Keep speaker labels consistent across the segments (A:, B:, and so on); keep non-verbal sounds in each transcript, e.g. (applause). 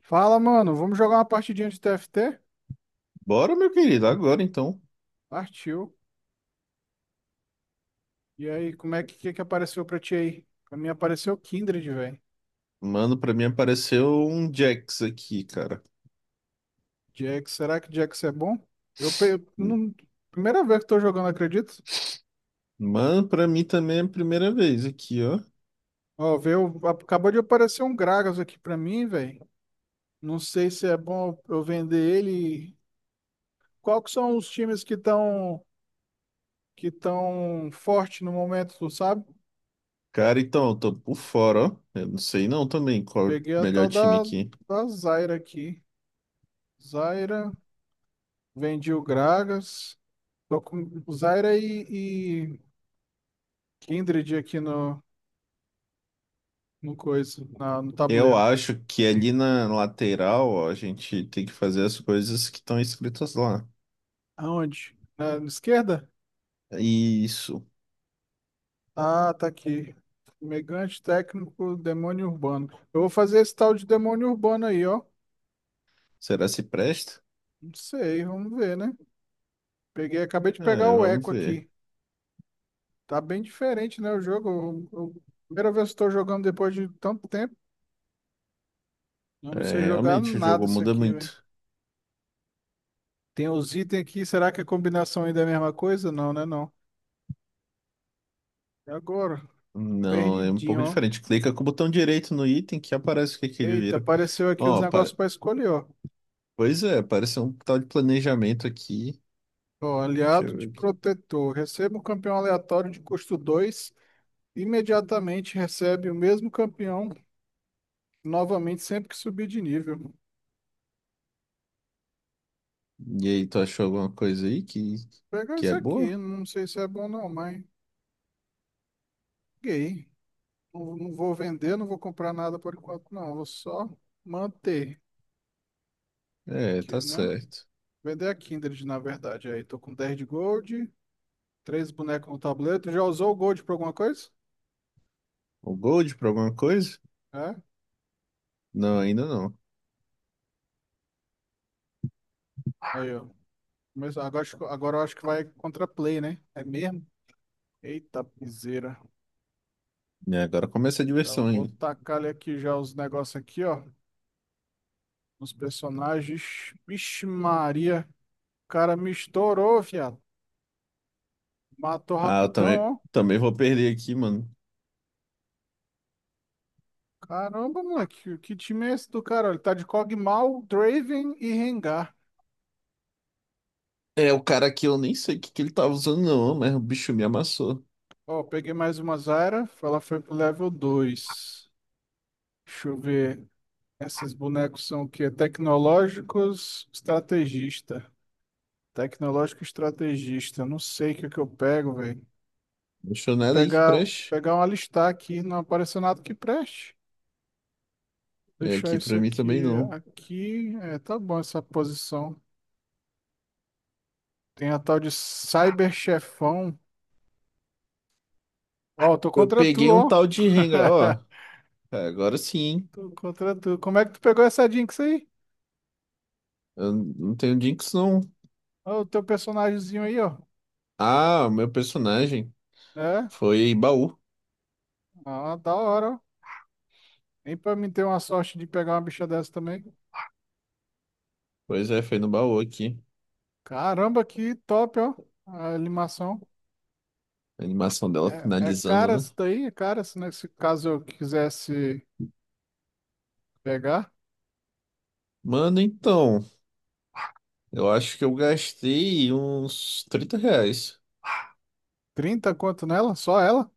A: Fala, mano. Vamos jogar uma partidinha de TFT?
B: Bora, meu querido, agora então.
A: Partiu. E aí, como é que apareceu pra ti aí? Pra mim apareceu o Kindred, velho.
B: Mano, pra mim apareceu um Jax aqui, cara.
A: Jax, será que Jax é bom? Eu, pe- eu não- Primeira vez que tô jogando, acredito.
B: Mano, pra mim também é a primeira vez aqui, ó.
A: Ó, veio, acabou de aparecer um Gragas aqui pra mim, velho. Não sei se é bom eu vender ele. Qual que são os times que estão forte no momento, tu sabe?
B: Cara, então, eu tô por fora, ó. Eu não sei não também qual é o
A: Peguei a
B: melhor
A: tal
B: time
A: da,
B: aqui.
A: da Zyra aqui. Zyra, vendi o Gragas. Tô com o Zyra e Kindred aqui no coisa, no
B: Eu
A: tabuleiro.
B: acho que ali na lateral, ó, a gente tem que fazer as coisas que estão escritas lá.
A: Aonde? Na esquerda?
B: Isso.
A: Ah, tá aqui. Megante técnico, demônio urbano. Eu vou fazer esse tal de demônio urbano aí, ó.
B: Será se presta?
A: Não sei, vamos ver, né? Peguei, acabei de pegar
B: É,
A: o
B: vamos
A: Echo
B: ver.
A: aqui. Tá bem diferente, né, o jogo. Primeira vez que estou jogando depois de tanto tempo. Eu não sei
B: É,
A: jogar
B: realmente, o
A: nada
B: jogo
A: isso
B: muda
A: aqui, velho.
B: muito.
A: Tem os itens aqui, será que a combinação ainda é a mesma coisa? Não, né, não. E agora?
B: Não, é um
A: Perdidinho,
B: pouco
A: ó.
B: diferente. Clica com o botão direito no item que aparece o que que ele
A: Eita,
B: vira.
A: apareceu aqui os
B: Ó, pa-
A: negócios para escolher, ó.
B: Pois é, parece um tal de planejamento aqui.
A: Ó,
B: Deixa
A: aliado
B: eu
A: de
B: ver aqui.
A: protetor. Receba um campeão aleatório de custo 2. Imediatamente recebe o mesmo campeão novamente sempre que subir de nível. Vou
B: E aí, tu achou alguma coisa aí
A: pegar
B: que
A: isso
B: é boa?
A: aqui, não sei se é bom não, mas gay. Não, não vou vender, não vou comprar nada por enquanto, não. Vou só manter,
B: É,
A: que,
B: tá
A: né?
B: certo.
A: Vender a Kindred, na verdade. Aí, tô com 10 de gold, três bonecos no tabuleiro. Tu já usou o gold pra alguma coisa?
B: O Gold pra alguma coisa?
A: É?
B: Não, ainda não.
A: Aí, ó. Mas agora, agora eu acho que vai contra play, né? É mesmo? Eita, piseira.
B: E agora começa a
A: Já
B: diversão
A: vou
B: ainda.
A: tacar aqui já os negócios aqui, ó. Os personagens. Vixe Maria. O cara me estourou, viado. Matou
B: Ah, eu
A: rapidão,
B: também,
A: ó.
B: vou perder aqui, mano.
A: Caramba, moleque. Que time é esse do cara? Ele tá de Kog'Maw, Draven e Rengar.
B: É, o cara aqui eu nem sei o que que ele tava usando, não, mas o bicho me amassou.
A: Ó, peguei mais uma Zyra. Ela foi pro level 2. Deixa eu ver. Esses bonecos são o quê? Tecnológicos, estrategista. Tecnológico estrategista. Não sei o que é que eu pego, velho.
B: Não achou
A: Vou
B: nada aí que
A: pegar,
B: preste.
A: pegar uma listar aqui, não apareceu nada que preste.
B: É,
A: Deixar
B: aqui
A: isso
B: pra mim também
A: aqui,
B: não.
A: aqui. É, tá bom essa posição. Tem a tal de cyberchefão. Ó, tô
B: Eu
A: contra tu,
B: peguei um
A: ó.
B: tal de Rengar, ó.
A: (laughs)
B: É, agora sim, hein?
A: Tô contra tu. Como é que tu pegou essa Jinx aí?
B: Eu não tenho Jinx, não.
A: Ó, o teu personagemzinho aí, ó.
B: Ah, o meu personagem
A: É?
B: foi baú.
A: Ah, da hora, ó. Nem pra mim ter uma sorte de pegar uma bicha dessa também.
B: Pois é, foi no baú aqui.
A: Caramba, que top, ó. A animação.
B: A animação dela
A: É, é
B: finalizando,
A: cara
B: né?
A: isso daí? É cara se nesse caso eu quisesse pegar?
B: Mano, então, eu acho que eu gastei uns R$ 30.
A: 30 quanto nela? Só ela?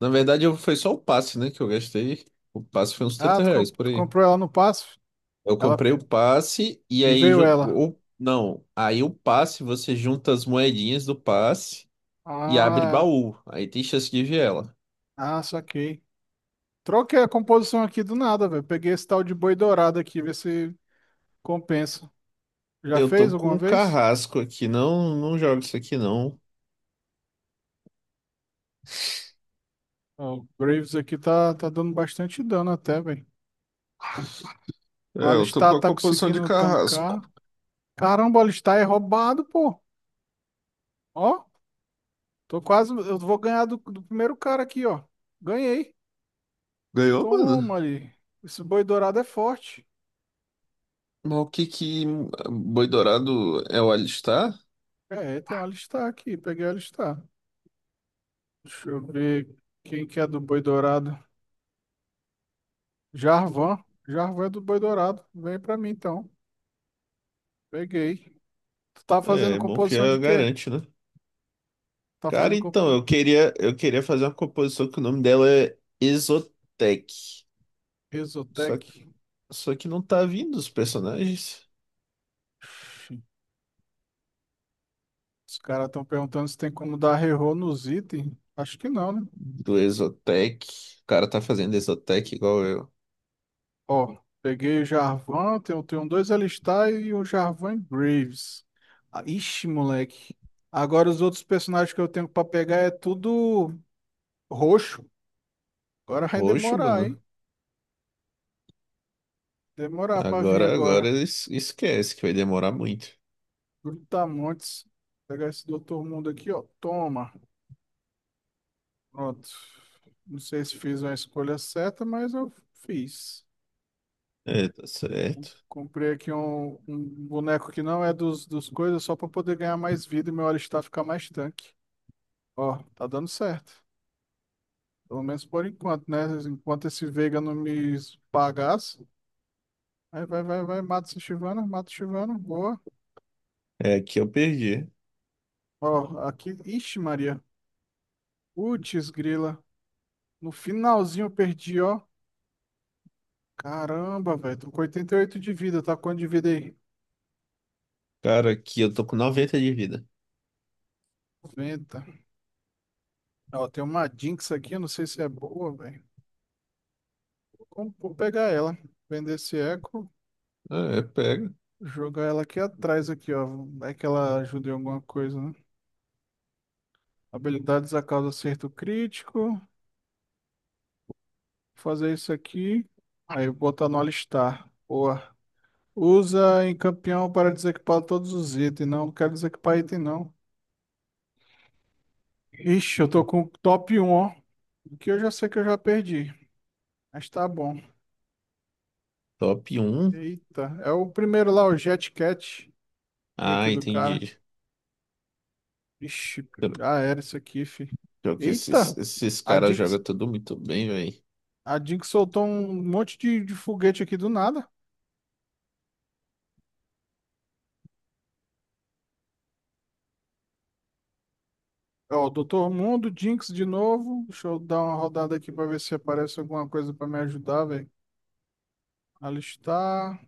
B: Na verdade, foi só o passe, né, que eu gastei. O passe foi uns
A: Ah,
B: 30
A: tu,
B: reais,
A: comp-
B: por
A: tu
B: aí.
A: comprou ela no passo?
B: Eu
A: Ela,
B: comprei o passe e
A: e
B: aí...
A: veio ela.
B: Ou, não, aí o passe, você junta as moedinhas do passe e abre
A: Ah,
B: baú. Aí tem chance de ver ela.
A: ah, saquei. Troquei a composição aqui do nada, velho. Peguei esse tal de boi dourado aqui, ver se compensa. Já
B: Eu
A: fez
B: tô com
A: alguma
B: um
A: vez?
B: carrasco aqui. Não, não jogo isso aqui, não.
A: Ó, o Graves aqui tá dando bastante dano até, velho. O
B: É, eu tô com
A: Alistar
B: a
A: tá
B: composição de
A: conseguindo
B: carrasco.
A: tancar. Caramba, o Alistar é roubado, pô. Ó. Tô quase. Eu vou ganhar do primeiro cara aqui, ó. Ganhei.
B: Ganhou, mano?
A: Toma ali. Esse boi dourado é forte.
B: Mas o que que Boi Dourado é o Alistar?
A: É, tem um alistar aqui. Peguei o alistar. Deixa eu ver quem que é do boi dourado. Jarvan. Jarvan é do boi dourado. Vem pra mim então. Peguei. Tu tá
B: É,
A: fazendo
B: é bom que
A: composição
B: já
A: de quê?
B: garante, né?
A: Tá
B: Cara,
A: fazendo
B: então,
A: compo...
B: eu queria fazer uma composição que o nome dela é Exotec. Só,
A: Exotec.
B: só que não tá vindo os personagens
A: Ixi, os caras estão perguntando se tem como dar reroll nos itens. Acho que não, né?
B: do Exotec. O cara tá fazendo Exotec igual eu.
A: Ó, peguei o Jarvan, tenho 2 Alistar e o Jarvan e Graves. Ah, Ixi, moleque. Agora os outros personagens que eu tenho pra pegar é tudo roxo. Agora vai
B: Roxo,
A: demorar, hein?
B: mano.
A: Demorar pra vir
B: Agora,
A: agora.
B: agora es- esquece que vai demorar muito.
A: Brutamontes. Pegar esse Doutor Mundo aqui, ó. Toma. Pronto. Não sei se fiz uma escolha certa, mas eu fiz.
B: É, tá certo.
A: Comprei aqui um boneco que não é dos coisas, só pra poder ganhar mais vida e meu Alistar ficar mais tanque. Ó, tá dando certo. Pelo menos por enquanto, né? Enquanto esse Veiga não me pagasse. Aí vai, vai, vai, mata esse Chivano, mata o Chivano, boa.
B: É, que eu perdi.
A: Ó, aqui, ixi, Maria. Putz, grila. No finalzinho eu perdi, ó. Caramba, velho, tô com 88 de vida, tá com quanto de vida aí?
B: Cara, aqui eu tô com 90 de vida.
A: 90. Ó, tem uma Jinx aqui, eu não sei se é boa, velho. Como- vou pegar ela, vender esse eco,
B: Ah, é, pega.
A: jogar ela aqui atrás, aqui, ó. Vai que ela ajuda em alguma coisa, né? Habilidades a causa acerto crítico. Fazer isso aqui. Aí eu botar no alistar. Boa. Usa em campeão para desequipar todos os itens. Não, não quero desequipar item, não. Ixi, eu tô com o top um ó. Que eu já sei que eu já perdi. Mas tá bom.
B: Top um.
A: Eita, é o primeiro lá, o Jet Cat. Nick
B: Ah,
A: do cara.
B: entendi.
A: Ixi, já era isso aqui, fi.
B: Pior que esses,
A: Eita!
B: esses
A: A
B: caras
A: Jinx,
B: jogam tudo muito bem, velho.
A: a Jinx soltou um monte de foguete aqui do nada. Ó, o Doutor Mundo, Jinx de novo. Deixa eu dar uma rodada aqui pra ver se aparece alguma coisa pra me ajudar, velho. Alistar.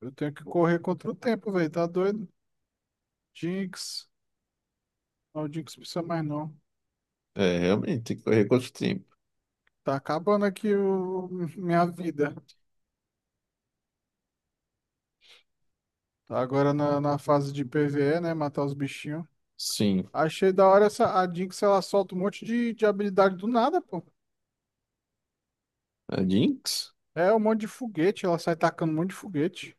A: Eu tenho que correr contra o tempo, velho. Tá doido? Jinx. Não, o Jinx precisa mais não.
B: É, realmente, tem que correr contra o tempo.
A: Tá acabando aqui o... (laughs) minha vida. Tá agora na fase de PvE, né? Matar os bichinhos.
B: Sim.
A: Achei da hora essa. A Jinx, ela solta um monte de habilidade do nada, pô.
B: A Jinx?
A: É um monte de foguete. Ela sai tacando um monte de foguete.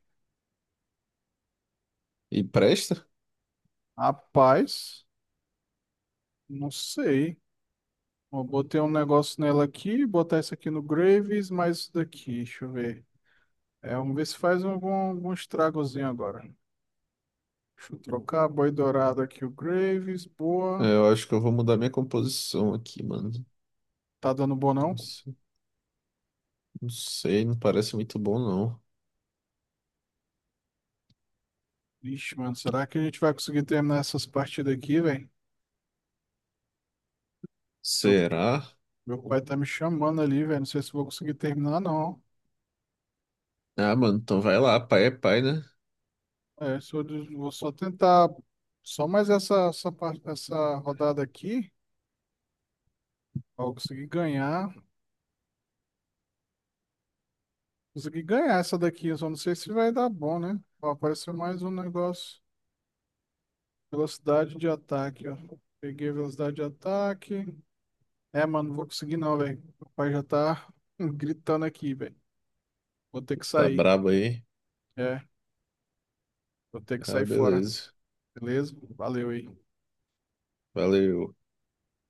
B: E presta?
A: Rapaz, não sei. Eu botei um negócio nela aqui, botar isso aqui no Graves, mais isso daqui, deixa eu ver. É, vamos ver se faz algum estragozinho agora. Deixa eu trocar, boi dourado aqui, o Graves,
B: É,
A: boa.
B: eu acho que eu vou mudar minha composição aqui, mano.
A: Tá dando bom não?
B: Não se- não sei, não parece muito bom, não.
A: Ixi, mano, será que a gente vai conseguir terminar essas partidas aqui, velho? Meu,
B: Será?
A: meu pai tá me chamando ali, velho, não sei se eu vou conseguir terminar não.
B: Ah, mano, então vai lá, pai é pai, né?
A: É, se eu des- vou só tentar, só mais essa rodada aqui, pra eu conseguir ganhar. Consegui ganhar essa daqui, eu só não sei se vai dar bom, né? Ó, apareceu mais um negócio. Velocidade de ataque, ó. Peguei a velocidade de ataque. É, mano, não vou conseguir não, velho. O pai já tá (laughs) gritando aqui, velho. Vou ter que
B: Tá
A: sair.
B: brabo aí.
A: É, vou ter que
B: Ah,
A: sair fora.
B: beleza.
A: Beleza? Valeu aí.
B: Valeu.